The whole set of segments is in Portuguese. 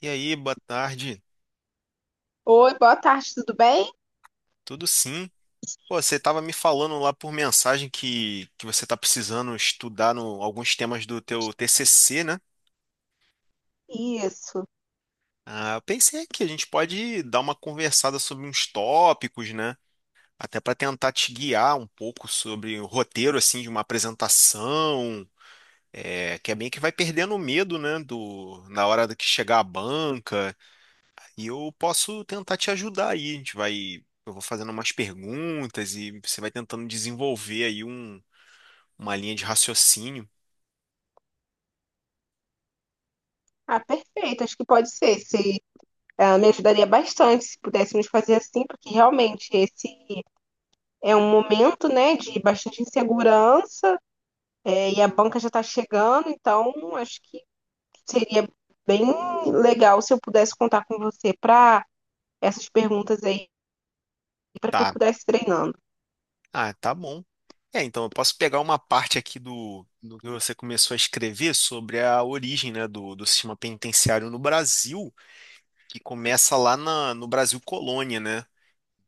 E aí, boa tarde. Oi, boa tarde, tudo bem? Tudo sim? Pô, você tava me falando lá por mensagem que você tá precisando estudar no, alguns temas do teu TCC, né? Isso. Ah, eu pensei que a gente pode dar uma conversada sobre uns tópicos, né? Até para tentar te guiar um pouco sobre o roteiro, assim, de uma apresentação, que é bem que vai perdendo o medo, né? Na hora do que chegar à banca. E eu posso tentar te ajudar aí. Eu vou fazendo umas perguntas e você vai tentando desenvolver uma linha de raciocínio. Ah, perfeito, acho que pode ser. Se, ah, Me ajudaria bastante se pudéssemos fazer assim, porque realmente esse é um momento, né, de bastante insegurança, e a banca já está chegando, então acho que seria bem legal se eu pudesse contar com você para essas perguntas aí, para que eu Tá. pudesse treinando. Ah, tá bom. É, então eu posso pegar uma parte aqui do que você começou a escrever sobre a origem, né, do sistema penitenciário no Brasil, que começa lá no Brasil Colônia, né?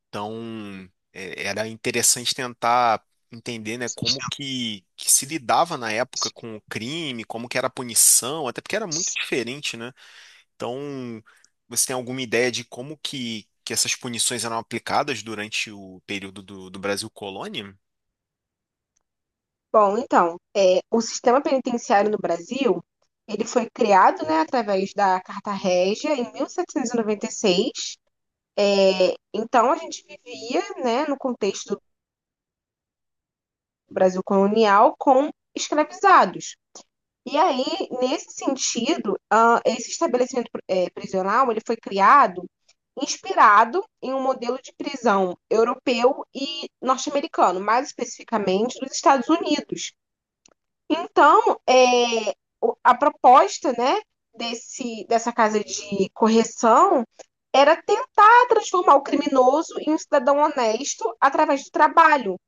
Então, é, era interessante tentar entender, né, que se lidava na época com o crime, como que era a punição, até porque era muito diferente, né? Então, você tem alguma ideia de que essas punições eram aplicadas durante o período do Brasil Colônia? Bom, então, o sistema penitenciário no Brasil, ele foi criado, né, através da Carta Régia em 1796. Então, a gente vivia, né, no contexto do Brasil colonial com escravizados. E aí, nesse sentido, esse estabelecimento prisional ele foi criado inspirado em um modelo de prisão europeu e norte-americano, mais especificamente dos Estados Unidos. Então, é, a proposta, né, dessa casa de correção era tentar transformar o criminoso em um cidadão honesto através do trabalho.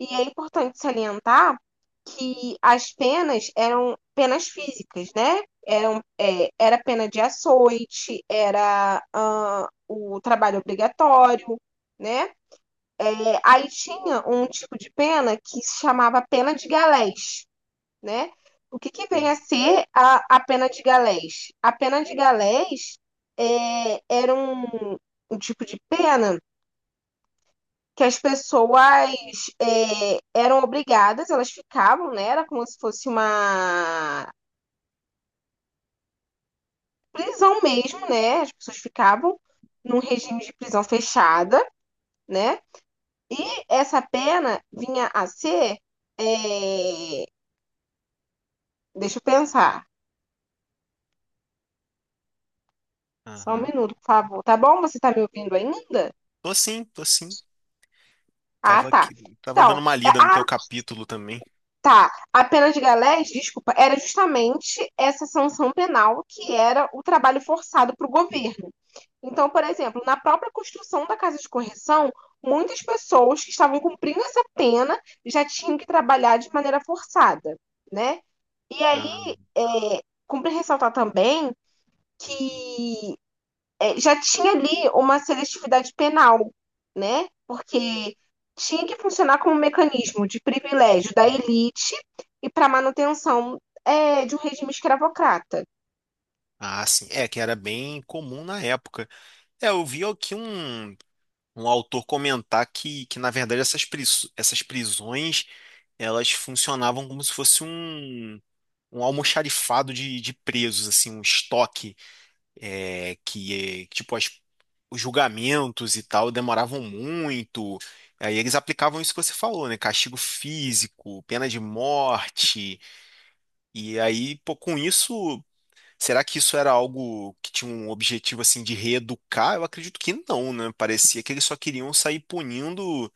E é importante salientar que as penas eram penas físicas, né? Eram, era pena de açoite, era, o trabalho obrigatório, né? É, aí tinha um tipo de pena que se chamava pena de galés, né? O que Hum. vem a ser a pena de galés? A pena de galés era um, um tipo de pena que as pessoas eram obrigadas, elas ficavam, né? Era como se fosse uma prisão mesmo, né? As pessoas ficavam num regime de prisão fechada, né? E essa pena vinha a ser. é, Deixa eu pensar. Só um Aham. minuto, por favor. Tá bom? Você tá me ouvindo ainda? Tô sim, tô sim. Ah, Tava tá. aqui, tava Então, dando uma é- lida no ah, teu capítulo também. tá. A pena de galés, desculpa, era justamente essa sanção penal que era o trabalho forçado para o governo. Então, por exemplo, na própria construção da casa de correção, muitas pessoas que estavam cumprindo essa pena já tinham que trabalhar de maneira forçada, né? E Ah. aí, cumpre ressaltar também que já tinha ali uma seletividade penal, né? Porque tinha que funcionar como um mecanismo de privilégio da elite e para manutenção, de um regime escravocrata. Ah, sim. É, que era bem comum na época. É, eu vi aqui um autor comentar que na verdade, essas, essas prisões elas funcionavam como se fosse um, um almoxarifado de presos, assim, um estoque, é, que, é, tipo, as- os julgamentos e tal demoravam muito. Aí eles aplicavam isso que você falou, né? Castigo físico, pena de morte. E aí, pô, com isso, será que isso era algo que tinha um objetivo assim de reeducar? Eu acredito que não, né? Parecia que eles só queriam sair punindo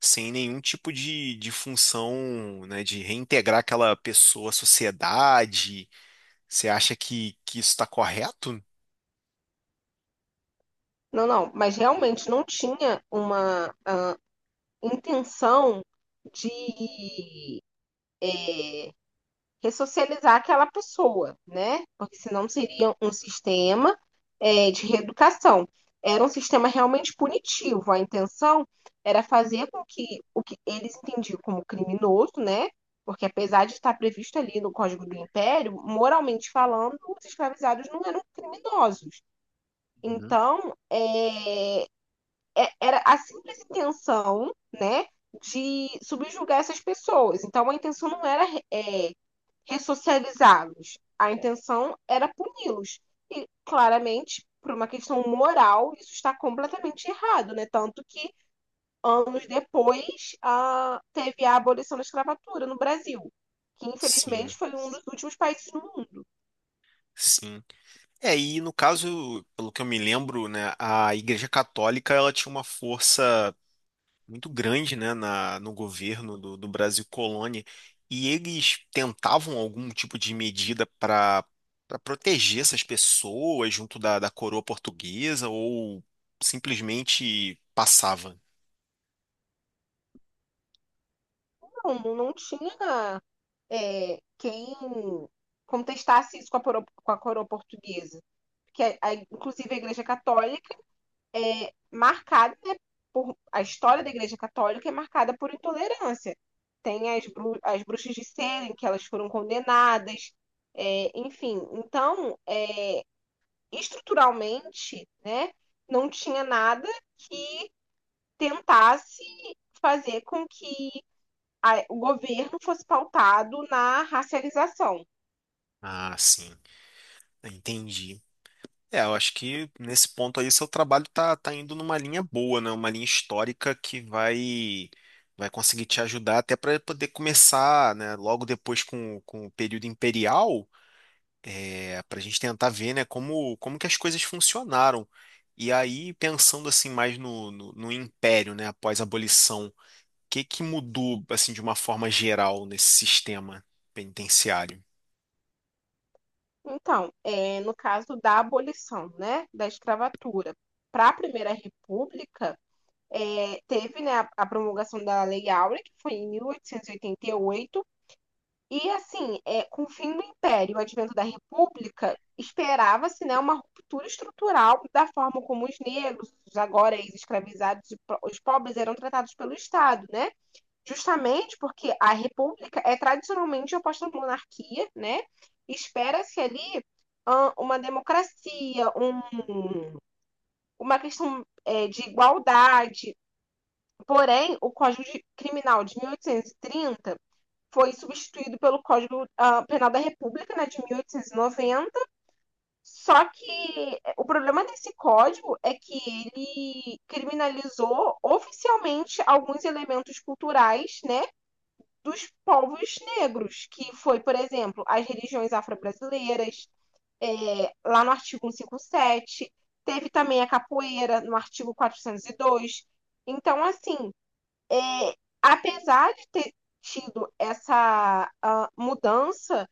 sem nenhum tipo de função, né, de reintegrar aquela pessoa à sociedade. Você acha que isso está correto? Não, não, mas realmente não tinha uma intenção de ressocializar aquela pessoa, né? Porque senão seria um sistema, de reeducação. Era um sistema realmente punitivo. A intenção era fazer com que o que eles entendiam como criminoso, né? Porque apesar de estar previsto ali no Código do Império, moralmente falando, os escravizados não eram criminosos. Uhum. Então, era a simples intenção, né, de subjugar essas pessoas. Então, a intenção não era, é, ressocializá-los, a intenção era puni-los. E, claramente, por uma questão moral, isso está completamente errado, né? Tanto que, anos depois, teve a abolição da escravatura no Brasil, que, Sim, infelizmente, foi um dos últimos países do mundo. sim. É, e no caso, pelo que eu me lembro, né, a Igreja Católica ela tinha uma força muito grande, né, no governo do Brasil colônia, e eles tentavam algum tipo de medida para para proteger essas pessoas junto da coroa portuguesa ou simplesmente passava? Não, não tinha quem contestasse isso com a coroa portuguesa. Inclusive a Igreja Católica é marcada, né, por a história da Igreja Católica é marcada por intolerância. Tem as bruxas de Salem que elas foram condenadas, enfim. Então, estruturalmente, né, não tinha nada que tentasse fazer com que o governo fosse pautado na racialização. Ah, sim, entendi. É, eu acho que nesse ponto aí seu trabalho tá, tá indo numa linha boa, né? Uma linha histórica que vai vai conseguir te ajudar até para poder começar, né? Logo depois com o período imperial para a gente tentar ver, né, como, como que as coisas funcionaram. E aí, pensando assim mais no império, né, após a abolição, o que que mudou assim de uma forma geral nesse sistema penitenciário? Então, no caso da abolição, né, da escravatura, para a Primeira República, teve, né, a promulgação da Lei Áurea, que foi em 1888, e assim, com o fim do Império e o advento da República, esperava-se, né, uma ruptura estrutural da forma como os negros, os agora ex-escravizados, e os pobres eram tratados pelo Estado, né? Justamente porque a república é tradicionalmente oposta à monarquia, né? Espera-se ali, uma democracia, uma questão, de igualdade. Porém, o Criminal de 1830 foi substituído pelo Código, Penal da República, né, de 1890. Só que o problema desse código é que ele criminalizou oficialmente alguns elementos culturais, né, dos povos negros, que foi, por exemplo, as religiões afro-brasileiras, é, lá no artigo 157, teve também a capoeira no artigo 402. Então, assim, é, apesar de ter tido essa mudança,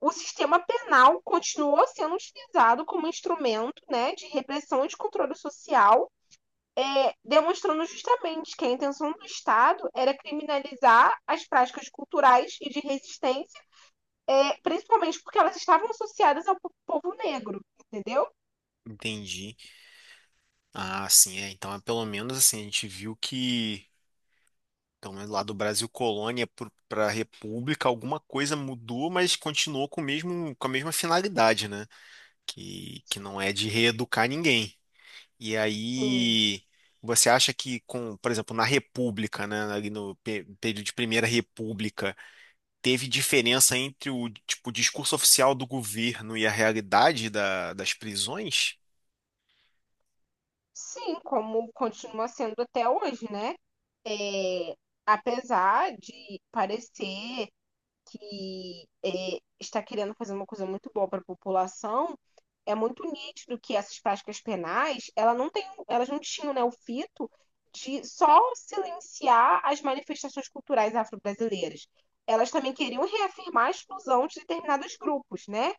o sistema penal continuou sendo utilizado como instrumento, né, de repressão e de controle social, demonstrando justamente que a intenção do Estado era criminalizar as práticas culturais e de resistência, principalmente porque elas estavam associadas ao povo negro, entendeu? Entendi. Ah, sim, é. Então, é, pelo menos assim, a gente viu que, pelo menos lá do Brasil colônia para República, alguma coisa mudou, mas continuou com o mesmo, com a mesma finalidade, né? Que não é de reeducar ninguém. E Sim. aí, você acha que com, por exemplo, na República, né, ali no período de Primeira República, teve diferença entre o, tipo, discurso oficial do governo e a realidade da- das prisões? Sim, como continua sendo até hoje, né? É, apesar de parecer que está querendo fazer uma coisa muito boa para a população, é muito nítido que essas práticas penais, elas não tinham, né, o fito de só silenciar as manifestações culturais afro-brasileiras. Elas também queriam reafirmar a exclusão de determinados grupos, né?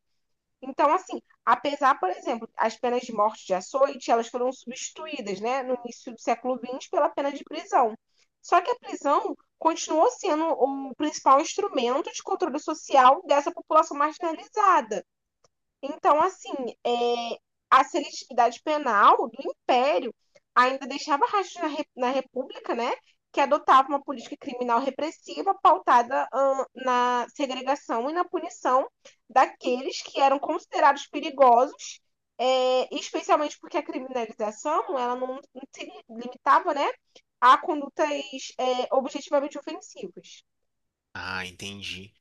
Então, assim, apesar, por exemplo, as penas de morte de açoite, elas foram substituídas, né, no início do século XX pela pena de prisão. Só que a prisão continuou sendo o principal instrumento de controle social dessa população marginalizada. Então, assim, é, a seletividade penal do Império ainda deixava rastros na, na República, né? Que adotava uma política criminal repressiva pautada, na segregação e na punição daqueles que eram considerados perigosos, especialmente porque a criminalização, ela não, não se limitava, né, a condutas, objetivamente ofensivas. Ah, entendi.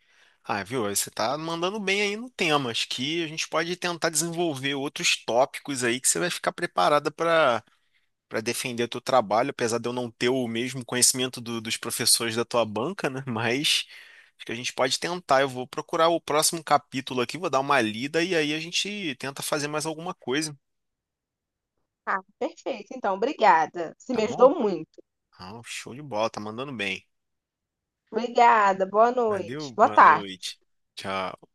Ah, viu? Você tá mandando bem aí no tema. Acho que a gente pode tentar desenvolver outros tópicos aí que você vai ficar preparada para para defender o teu trabalho, apesar de eu não ter o mesmo conhecimento do- dos professores da tua banca, né? Mas acho que a gente pode tentar. Eu vou procurar o próximo capítulo aqui, vou dar uma lida e aí a gente tenta fazer mais alguma coisa, Ah, perfeito. Então, obrigada. Você tá me bom? ajudou muito. Ah, show de bola, tá mandando bem. Obrigada. Boa Valeu, noite. Boa boa tarde. noite. Tchau.